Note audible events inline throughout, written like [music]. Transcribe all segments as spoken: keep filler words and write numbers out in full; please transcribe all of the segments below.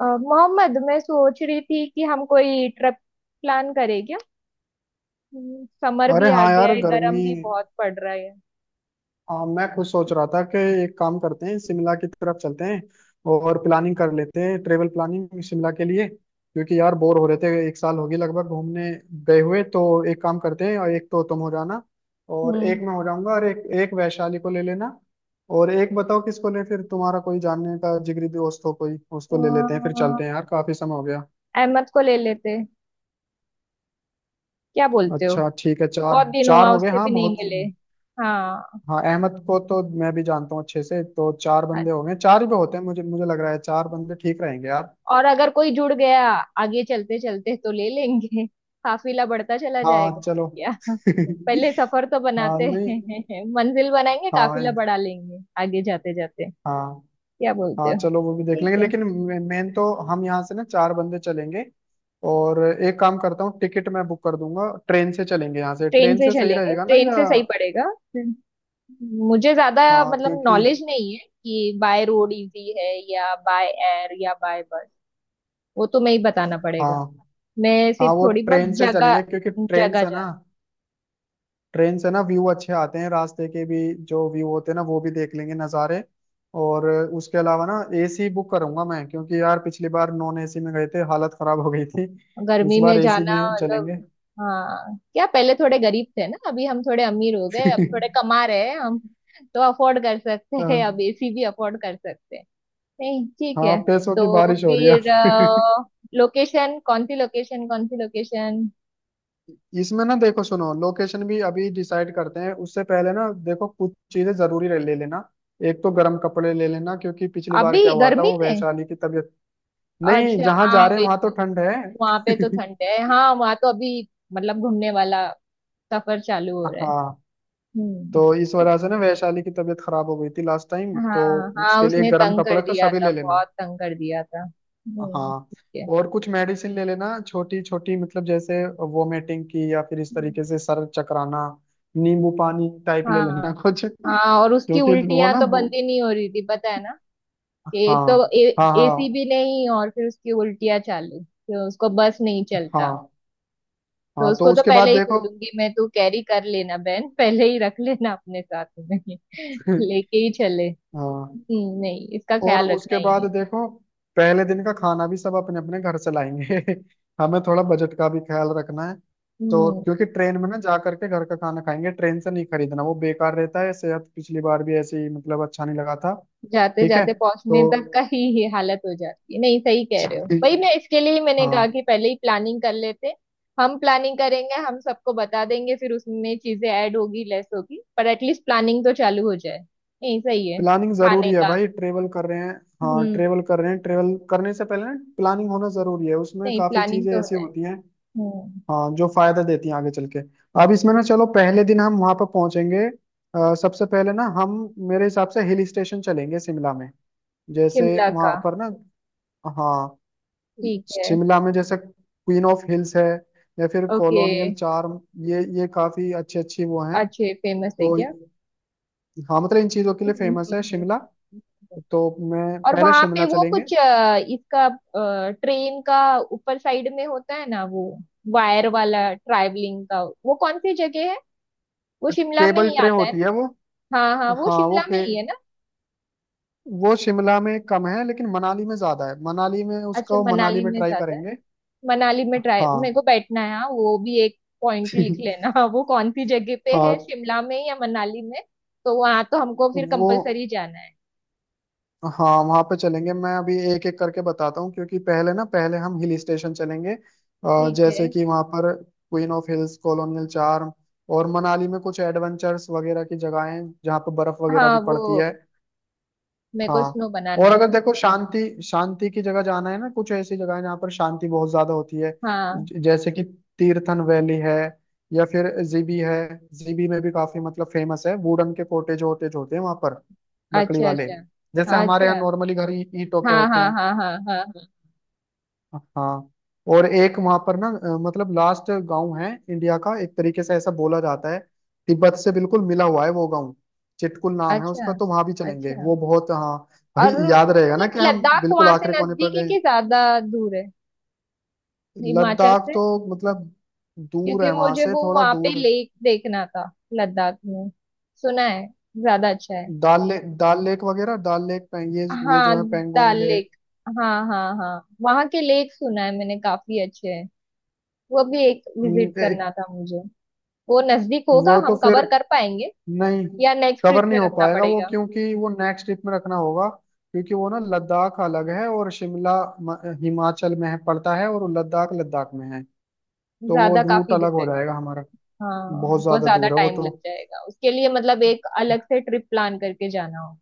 अ, मोहम्मद, मैं सोच रही थी कि हम कोई ट्रिप प्लान करें क्या। हम्म, समर अरे भी आ हाँ गया यार है, गर्म गर्मी। भी बहुत पड़ रहा है। हाँ, मैं खुद सोच रहा था कि एक काम करते हैं, शिमला की तरफ चलते हैं और प्लानिंग कर लेते हैं, ट्रेवल प्लानिंग शिमला के लिए। क्योंकि यार बोर हो रहे थे, एक साल होगी लगभग घूमने गए हुए। तो एक काम करते हैं, और एक तो तुम हो जाना और एक हम्म। मैं हो जाऊंगा और एक एक वैशाली को ले लेना। और एक बताओ किसको ले, फिर तुम्हारा कोई जानने का जिगरी दोस्त हो कोई, उसको तो, ले लेते हैं। फिर चलते हैं अ, यार, काफी समय हो गया। अहमद को ले लेते, क्या बोलते हो। अच्छा ठीक है, चार बहुत दिन चार हुआ, हो गए, उससे हाँ भी नहीं बहुत। मिले। हाँ। हाँ, अहमद को तो मैं भी जानता हूँ अच्छे से। तो चार बंदे अच्छा, हो गए, चार ही पे होते हैं, मुझे मुझे लग रहा है चार बंदे ठीक रहेंगे यार। और अगर कोई जुड़ गया आगे चलते चलते तो ले लेंगे [laughs] काफिला बढ़ता चला जाएगा हाँ चलो। क्या [laughs] [laughs] पहले सफर तो हाँ बनाते नहीं। हैं [laughs] मंजिल बनाएंगे, काफिला हाँ। बढ़ा लेंगे आगे जाते जाते। हाँ। क्या बोलते हाँ हो। चलो, वो भी देख ठीक लेंगे है। लेकिन मेन तो हम यहाँ से ना चार बंदे चलेंगे। और एक काम करता हूँ, टिकट मैं बुक कर दूंगा, ट्रेन से चलेंगे। यहाँ से ट्रेन ट्रेन से से सही चलेंगे, रहेगा ना, ट्रेन या? से सही पड़ेगा। मुझे ज्यादा हाँ मतलब क्योंकि, नॉलेज नहीं है कि बाय रोड इजी है, या बाय एयर या बाय बस। वो तुम्हें ही बताना पड़ेगा, हाँ मैं हाँ, सिर्फ वो थोड़ी बहुत ट्रेन से जगह चलेंगे क्योंकि ट्रेन जगह से ना, जान। ट्रेन से ना व्यू अच्छे आते हैं रास्ते के भी। जो व्यू होते हैं ना, वो भी देख लेंगे, नज़ारे। और उसके अलावा ना ए सी बुक करूंगा मैं, क्योंकि यार पिछली बार नॉन ए सी में गए थे, हालत खराब हो गई थी। इस गर्मी बार में ए सी जाना में मतलब। चलेंगे। हाँ, क्या पहले थोड़े गरीब थे ना, अभी हम थोड़े अमीर हो गए, अब थोड़े [laughs] कमा रहे हैं हम, तो अफोर्ड कर सकते हैं, अब हाँ। एसी भी अफोर्ड कर सकते हैं। नहीं, ठीक हाँ, है। पैसों की तो बारिश हो रही है। फिर लोकेशन कौन सी लोकेशन कौन सी लोकेशन [laughs] इसमें ना देखो, सुनो, लोकेशन भी अभी डिसाइड करते हैं। उससे पहले ना देखो, कुछ चीजें जरूरी ले ले लेना। एक तो गर्म कपड़े ले लेना, क्योंकि पिछली बार क्या अभी हुआ था, गर्मी वो में। वैशाली की तबीयत। नहीं, अच्छा, जहाँ हाँ जा रहे हैं वे, वहां तो ठंड है। वहां पे तो ठंड है, हाँ वहां तो अभी मतलब घूमने वाला सफर चालू हो [laughs] रहा है। हाँ, हम्म, तो इस ठीक वजह से है। ना वैशाली की तबीयत खराब हो गई थी लास्ट टाइम तो। हाँ हाँ, उसके लिए उसने गर्म तंग कर कपड़े तो दिया सभी था, ले लेना। बहुत तंग कर दिया था। हम्म, हाँ। ठीक है। और कुछ मेडिसिन ले लेना छोटी छोटी, मतलब जैसे वोमिटिंग की, या फिर इस हम्म। तरीके से सर चकराना। नींबू पानी टाइप ले लेना हाँ [laughs] कुछ, हाँ, और उसकी क्योंकि वो उल्टियां ना तो वो। बंद ही नहीं हो रही थी, पता है ना। एक तो हाँ। हाँ। एसी हाँ। भी नहीं, और फिर उसकी उल्टियां चालू, तो उसको बस नहीं चलता। हाँ। तो हाँ, तो उसको तो उसके बाद पहले ही देखो। बोलूंगी मैं, तू कैरी कर लेना बहन, पहले ही रख लेना अपने साथ में [laughs] [laughs] लेके ही चले। हाँ। हम्म, नहीं इसका और ख्याल रखना उसके ही बाद है। देखो, पहले दिन का खाना भी सब अपने अपने घर से लाएंगे। [laughs] हमें थोड़ा बजट का भी ख्याल रखना है। तो हम्म। क्योंकि ट्रेन में ना जा करके घर का खाना खाएंगे, ट्रेन से नहीं खरीदना, वो बेकार रहता है सेहत। पिछली बार भी ऐसे ही, मतलब अच्छा नहीं लगा था। जाते ठीक है। जाते पहुंचने तक तो का ही ये हालत हो जाती है, नहीं सही कह रहे हो, वही ठीक- मैं, इसके लिए ही मैंने कहा हाँ, कि पहले ही प्लानिंग कर लेते। हम प्लानिंग करेंगे, हम सबको बता देंगे, फिर उसमें चीजें ऐड होगी, लेस होगी, पर एटलीस्ट प्लानिंग तो चालू हो जाए। नहीं सही है, प्लानिंग खाने जरूरी है का। भाई, ट्रेवल कर रहे हैं। हाँ, हम्म। ट्रेवल कर रहे हैं। ट्रेवल करने से पहले ना प्लानिंग होना जरूरी है, उसमें नहीं, काफी प्लानिंग चीजें तो ऐसी है। होती हैं। हम्म। हाँ, जो फायदा देती हैं आगे चल के। अब इसमें ना चलो, पहले दिन हम वहां पर पहुंचेंगे। अ, सबसे पहले ना हम, मेरे हिसाब से हिल स्टेशन चलेंगे शिमला में। जैसे शिमला वहां का। पर ना, हाँ, ठीक है। शिमला में जैसे क्वीन ऑफ हिल्स है या फिर ओके। Colonial charm. ये ये काफी अच्छी अच्छी वो हैं अच्छे, फेमस है तो। क्या। हाँ मतलब, इन चीजों के लिए हम्म, फेमस है हम्म, शिमला। हम्म। तो मैं और पहले वहां पे शिमला वो चलेंगे। कुछ अ, इसका, ट्रेन का ऊपर साइड में होता है ना वो, वायर वाला, ट्रैवलिंग का, वो कौन सी जगह है, वो शिमला में केबल ही ट्रे आता है होती है ना। वो। हाँ हाँ, वो हाँ, वो शिमला में के, ही है ना। वो शिमला में कम है लेकिन मनाली में ज्यादा है। मनाली में अच्छा, उसको मनाली मनाली में में ट्राई ज्यादा है, करेंगे। मनाली में ट्राई, मेरे हाँ। को बैठना है हाँ, वो भी एक पॉइंट [laughs] लिख लेना [laughs] वो कौन सी जगह पे हाँ। है, शिमला में या मनाली में। तो वहां तो हमको फिर वो, कंपलसरी जाना है। हाँ, वहाँ पे चलेंगे। मैं अभी एक एक करके बताता हूँ। क्योंकि पहले ना, पहले हम हिल स्टेशन चलेंगे, अ, ठीक है। जैसे कि वहाँ पर queen of hills, colonial charm. और मनाली में कुछ एडवेंचर्स वगैरह की जगहें हैं जहाँ पर बर्फ वगैरह हाँ, भी वो पड़ती है। मेरे को हाँ। स्नो बनाना और है। अगर देखो शांति, शांति की जगह जाना है ना, कुछ ऐसी जगह है जहाँ पर शांति बहुत ज्यादा होती है। हाँ। ज- जैसे कि तीर्थन वैली है, या फिर जी बी है। जी बी में भी काफी मतलब फेमस है, वुडन के कोटेज वोटेज होते हैं वहां पर। लकड़ी अच्छा, वाले, अच्छा। जैसे हमारे यहाँ अच्छा। नॉर्मली घर ही- ईंटों के हाँ होते हाँ हैं। हाँ हाँ हाँ हाँ। हाँ। और एक वहां पर ना, अ, मतलब लास्ट गांव है इंडिया का एक तरीके से ऐसा बोला जाता है। तिब्बत से बिल्कुल मिला हुआ है वो गांव, चिटकुल नाम है अच्छा। उसका। तो वहां भी चलेंगे, अच्छा। वो बहुत, हाँ। भाई और याद रहेगा ना मतलब, कि हम लद्दाख बिल्कुल वहां से आखिरी कोने पर नजदीक है गए। कि ज्यादा दूर है, हिमाचल लद्दाख से। तो, मतलब दूर क्योंकि है वहां मुझे से, वो थोड़ा वहां पे दूर। लेक देखना था, लद्दाख में, सुना है ज्यादा अच्छा है। दाल लेक, दाल लेक वगैरह, दाल लेक पे- ये ये हाँ। जो है डल पेंगोंग लेक। लेक। हाँ हाँ हाँ, वहां के लेक सुना है मैंने काफी अच्छे हैं, वो भी एक न- विजिट एक- करना था मुझे। वो नजदीक होगा, वो तो हम फिर, कवर कर पाएंगे नहीं, या नेक्स्ट कवर ट्रिप में नहीं हो रखना पाएगा वो, पड़ेगा। क्योंकि वो नेक्स्ट ट्रिप में रखना होगा। क्योंकि वो ना लद्दाख अलग है, और शिमला म- हिमाचल में है, पड़ता है, और लद्दाख लद्दाख में है। तो वो ज्यादा रूट काफी दूर अलग है। हो जाएगा हमारा। हाँ, बहुत बहुत ज्यादा ज्यादा दूर है वो टाइम तो। लग जाएगा उसके लिए, मतलब एक अलग से ट्रिप प्लान करके जाना होगा।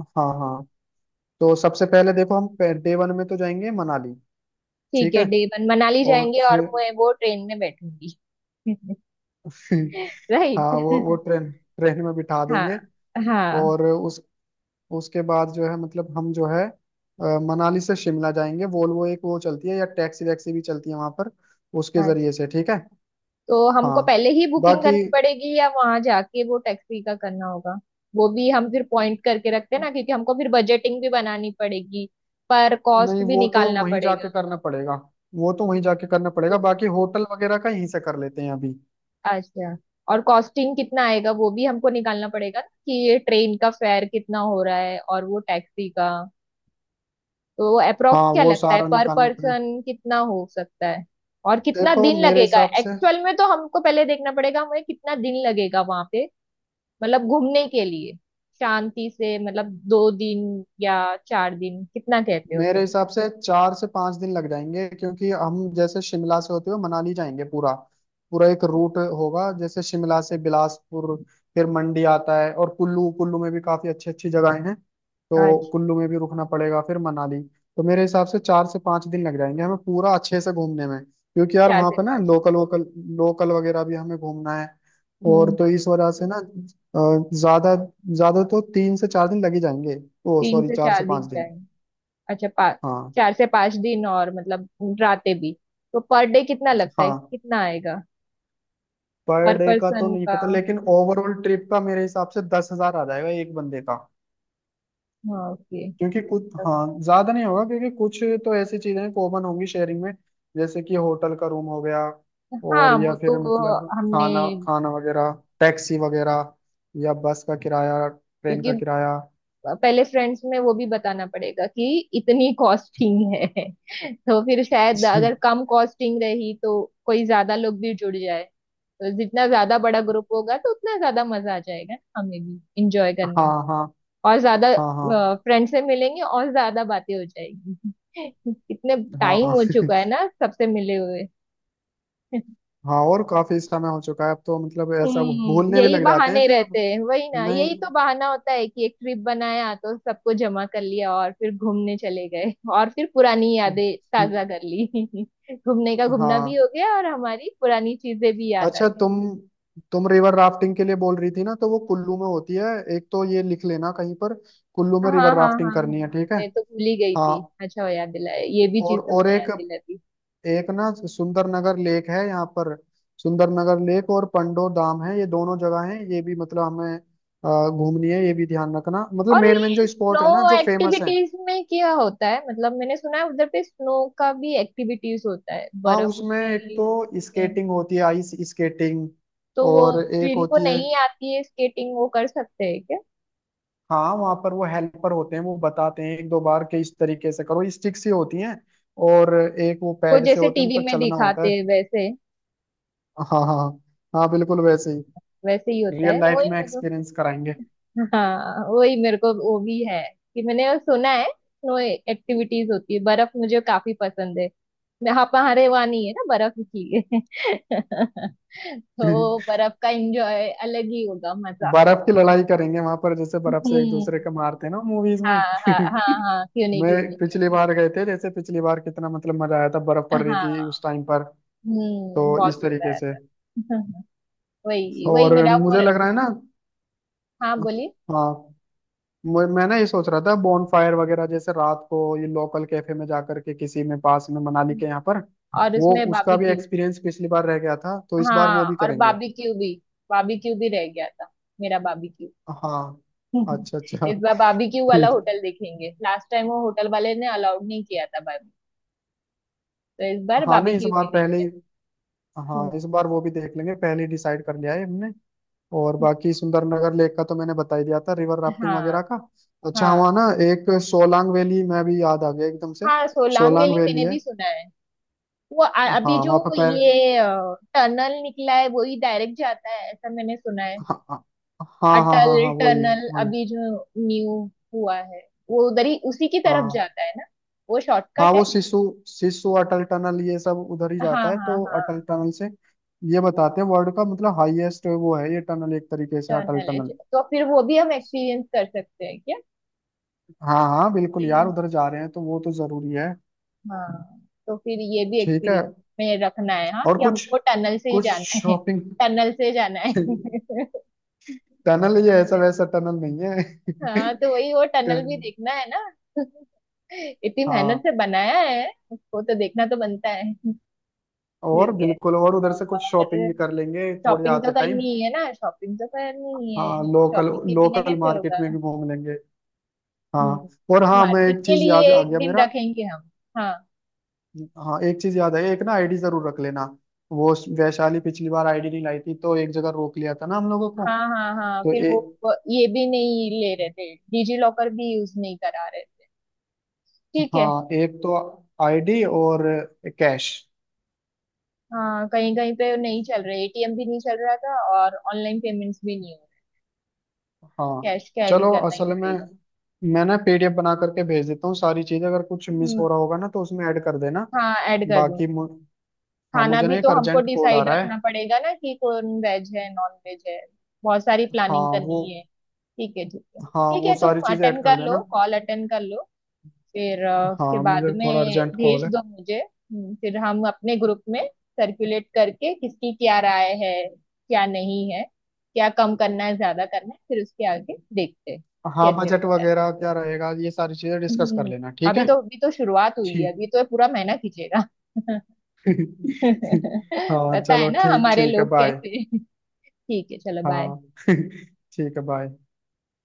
हाँ हाँ। तो सबसे पहले देखो हम, डे वन में तो जाएंगे मनाली। ठीक ठीक है, है। डे वन मनाली और जाएंगे और फिर मैं वो ट्रेन में बैठूंगी [laughs] [laughs] राइट। हाँ, वो वो ट्रेन, ट्रेन में बिठा हाँ देंगे। हाँ। और उस, उसके बाद जो है, मतलब हम जो है, अ, मनाली से शिमला जाएंगे। वोल्वो एक वो चलती है, या टैक्सी वैक्सी भी चलती है वहां पर, उसके हाँ, जरिए से। ठीक है। तो हमको हाँ पहले ही बुकिंग बाकी, करनी पड़ेगी या वहां जाके वो टैक्सी का करना होगा। वो भी हम फिर पॉइंट करके रखते हैं ना, क्योंकि हमको फिर बजटिंग भी बनानी पड़ेगी, पर कॉस्ट नहीं, भी वो तो निकालना वहीं जाके पड़ेगा। करना पड़ेगा। वो तो वहीं जाके करना पड़ेगा। तो, बाकी होटल वगैरह का यहीं से कर लेते हैं अभी। अच्छा। और कॉस्टिंग कितना आएगा वो भी हमको निकालना पड़ेगा ना, कि ये ट्रेन का फेयर कितना हो रहा है और वो टैक्सी का। तो अप्रोक्स हाँ, क्या वो लगता है, सारा पर निकालना पड़ेगा। पर्सन कितना हो सकता है। और कितना देखो दिन मेरे लगेगा हिसाब से, एक्चुअल में, तो हमको पहले देखना पड़ेगा, हमें कितना दिन लगेगा वहां पे, मतलब घूमने के लिए। शांति से मतलब दो दिन या चार दिन, कितना कहते हो मेरे तुम। हिसाब से चार से पांच दिन लग जाएंगे। क्योंकि हम जैसे शिमला से होते हुए मनाली जाएंगे, पूरा पूरा एक रूट होगा। जैसे शिमला से बिलासपुर, फिर मंडी आता है, और कुल्लू। कुल्लू में भी काफी अच्छी अच्छी जगहें हैं, तो अच्छा, कुल्लू में भी रुकना पड़ेगा, फिर मनाली। तो मेरे हिसाब से चार से पांच दिन लग जाएंगे हमें पूरा अच्छे से घूमने में। क्योंकि यार चार वहाँ से पर ना पाँच। लोकल वोकल, लोकल वगैरह भी हमें घूमना है। और हम्म। तो इस वजह से ना, अ, ज्यादा, ज्यादा तो तीन से चार दिन लग ही जाएंगे। ओ तीन सॉरी, से चार चार से पांच दिन। दिन अच्छा पा, हाँ। चार से पांच दिन और मतलब रातें भी। तो पर डे कितना लगता है, हाँ, कितना आएगा। पर पर डे का तो पर्सन नहीं का। पता, लेकिन ओवरऑल ट्रिप का मेरे हिसाब से दस हजार आ जाएगा एक बंदे का। हाँ, ओके। क्योंकि कुछ, हाँ ज्यादा नहीं होगा, क्योंकि कुछ तो ऐसी चीजें कॉमन होंगी शेयरिंग में। जैसे कि होटल का रूम हो गया, हाँ, और वो या तो फिर मतलब हमने। खाना खाना वगैरह, टैक्सी वगैरह, या बस का किराया, ट्रेन का क्योंकि किराया। पहले फ्रेंड्स में वो भी बताना पड़ेगा कि इतनी कॉस्टिंग है [laughs] तो फिर शायद अगर [laughs] कम कॉस्टिंग रही तो कोई ज्यादा लोग भी जुड़ जाए, तो जितना ज्यादा बड़ा ग्रुप होगा तो उतना ज्यादा मजा आ जाएगा ना, हमें भी इंजॉय करने हाँ में। हाँ और ज्यादा हाँ फ्रेंड से मिलेंगे और ज्यादा बातें हो जाएगी [laughs] कितने हाँ टाइम हाँ। हो चुका है [laughs] ना सबसे मिले हुए [laughs] हाँ, और काफी समय हो चुका है अब तो, मतलब ऐसा हम्म, भूलने भी यही लग जाते हैं बहाने फिर रहते अब। हैं, वही ना, यही तो बहाना होता है कि एक ट्रिप बनाया तो सबको जमा कर लिया और फिर घूमने चले गए और फिर पुरानी यादें नहीं। [laughs] ताजा कर ली [laughs] घूमने का घूमना भी हाँ। हो गया और हमारी पुरानी चीजें भी याद आ अच्छा गई। तुम तुम रिवर राफ्टिंग के लिए बोल रही थी ना, तो वो कुल्लू में होती है। एक तो ये लिख लेना कहीं पर, कुल्लू हाँ में हाँ रिवर हाँ राफ्टिंग हाँ, करनी है, ठीक है। मैं तो भूल ही गई हाँ। थी, अच्छा हो याद दिलाया, ये भी और चीज और तुमने याद एक, दिला दी। एक ना सुंदर नगर लेक है यहाँ पर। सुंदर नगर लेक और पंडो धाम है, ये दोनों जगह हैं, ये भी मतलब हमें अ, घूमनी है। ये भी ध्यान रखना, मतलब और मेन मेन ये जो स्नो स्पॉट है ना जो फेमस है। एक्टिविटीज में क्या होता है, मतलब मैंने सुना है उधर पे स्नो का भी एक्टिविटीज होता है, हाँ, बर्फ उसमें एक की तो में। स्केटिंग होती है, आइस स्केटिंग। तो वो और एक जिनको होती है, नहीं आती है स्केटिंग, वो कर सकते हैं क्या। हाँ, वहां पर वो हेल्पर होते हैं, वो बताते हैं एक दो बार के इस तरीके से करो। स्टिक सी होती हैं, और एक वो वो पैड से जैसे होते हैं, उन पर टीवी में चलना होता दिखाते है। हैं वैसे। हाँ हाँ हाँ। हाँ बिल्कुल वैसे ही। वैसे ही होता रियल है वो लाइफ ही। में एक्सपीरियंस कराएंगे। हाँ, वही मेरे को वो भी है कि मैंने सुना है स्नो एक्टिविटीज होती है, बर्फ मुझे काफी पसंद है। मैं- हाँ, हमारे वहाँ नहीं है ना बर्फ की [laughs] तो [laughs] बर्फ का एंजॉय अलग ही होगा, मजा। बर्फ की लड़ाई करेंगे वहां पर, जैसे बर्फ से एक दूसरे हम्म। को मारते हैं ना मूवीज में। हाँ हाँ हाँ हाँ, क्यों [laughs] नहीं, मैं क्यों नहीं, क्यों पिछली बार गए थे, जैसे पिछली बार कितना मतलब मजा आया था, बर्फ नहीं। पड़ रही थी हाँ। उस टाइम पर। हम्म, तो बहुत इस मजा तरीके आया से। था [laughs] वही वही और मेरा वो। मुझे लग रहा है ना, हाँ बोलिए। हाँ, मैं मैं ना ये सोच रहा था बॉन फायर वगैरह, जैसे रात को ये लोकल कैफे में जाकर के, किसी में पास में मनाली के यहाँ पर। और वो उसमें उसका भी बाबीक्यू। एक्सपीरियंस पिछली बार रह गया था, तो इस बार वो हाँ, भी और करेंगे। बाबीक्यू भी, बाबीक्यू भी रह गया था, मेरा बाबीक्यू हाँ। [laughs] अच्छा अच्छा। इस बार बाबीक्यू वाला ठीक। होटल देखेंगे, लास्ट टाइम वो होटल वाले ने अलाउड नहीं किया था बाबी, तो इस बार हाँ नहीं, इस बाबीक्यू बार भी पहले देखते ही, हैं। हाँ हम्म। इस बार वो भी देख लेंगे, पहले ही डिसाइड कर लिया है हमने। और बाकी सुंदरनगर लेक का तो मैंने बता ही दिया था, रिवर राफ्टिंग हाँ वगैरह का। अच्छा हाँ, हुआ ना, एक सोलांग वैली मैं भी याद आ गया एकदम से। हाँ सोलांग सोलांग वैली वैली मैंने है। भी सुना है। वो अ- अभी हाँ जो वहाँ पर पैर, ये टनल निकला है, वही डायरेक्ट जाता है ऐसा मैंने सुना है। हाँ हाँ हाँ हाँ अटल हाँ, हाँ, वही टनल वही। अभी जो न्यू हुआ है, वो उधर ही उसी की तरफ हाँ जाता है ना, वो हाँ, शॉर्टकट वो है। शिशु शिशु अटल टनल, ये सब उधर ही हाँ जाता है। हाँ तो हाँ, अटल टनल से, ये बताते हैं वर्ल्ड का मतलब हाईएस्ट वो है ये टनल, एक तरीके से अटल टनल है टनल। तो फिर वो भी हम एक्सपीरियंस कर सकते हैं हाँ हाँ बिल्कुल यार, क्या। उधर जा रहे हैं तो वो तो जरूरी है। हाँ, तो फिर ये भी ठीक है। एक्सपीरियंस में रखना है हाँ, और कि कुछ, हमको टनल से ही कुछ जाना है, शॉपिंग। टनल से जाना है [laughs] [laughs] टनल ये ऐसा वैसा टनल नहीं है। हाँ, तो वही वो टनल भी देखना है ना [laughs] इतनी [laughs] मेहनत हाँ, से बनाया है उसको तो देखना तो बनता है। और ठीक है। बिल्कुल, और उधर से कुछ और शॉपिंग भी कर लेंगे थोड़ी शॉपिंग तो आते टाइम। करनी ही है ना, शॉपिंग तो करनी ही हाँ है, लोकल, शॉपिंग के बिना लोकल कैसे मार्केट होगा। में भी घूम लेंगे। हाँ। हम्म। और हाँ, मैं मार्केट एक के चीज लिए याद आ एक गया दिन मेरा, रखेंगे हम। हाँ हाँ एक चीज याद है, एक ना आई डी जरूर रख लेना। वो वैशाली पिछली बार आई डी नहीं लाई थी, तो एक जगह रोक लिया था ना हम लोगों को। हाँ हाँ हाँ, तो फिर ए, वो वो ये भी नहीं ले रहे थे, डिजी लॉकर भी यूज नहीं करा रहे। ठीक है। हाँ, एक तो आई डी, और कैश। हाँ, कहीं कहीं पे नहीं चल रहा, ए टी एम भी नहीं चल रहा था और ऑनलाइन पेमेंट्स भी नहीं हो हाँ रहे, कैश कैरी चलो, करना ही असल में पड़ेगा। मैं ना पी डी एफ बना करके भेज देता हूँ सारी चीज। अगर कुछ मिस हम्म। हो रहा होगा ना तो उसमें ऐड कर देना। हाँ, ऐड कर बाकी दूंगी। मु, हाँ खाना मुझे भी ना तो एक हमको अर्जेंट कॉल आ डिसाइड रहा रखना है। पड़ेगा ना, कि कौन वेज है, नॉन वेज है, बहुत सारी प्लानिंग हाँ वो, करनी है। ठीक है, ठीक है, हाँ ठीक है, वो तुम सारी चीजें ऐड अटेंड कर कर लो, देना। कॉल अटेंड कर लो। फिर अ, उसके हाँ बाद मुझे थोड़ा में अर्जेंट कॉल भेज है। दो मुझे, हम्म, फिर हम अपने ग्रुप में सर्कुलेट करके किसकी क्या राय है, क्या नहीं है, क्या कम करना है, ज्यादा करना है, फिर उसके आगे देखते हैं हाँ, कैसे बजट होता है। वगैरह क्या रहेगा ये सारी चीजें डिस्कस कर हम्म, लेना, ठीक अभी है। तो, अभी तो शुरुआत हुई है, ठीक। अभी तो ये पूरा महीना खींचेगा [laughs] [laughs] हाँ पता है चलो, ना ठीक, हमारे ठीक है, लोग बाय। कैसे। ठीक है, चलो बाय। हाँ। [laughs] ठीक है, बाय।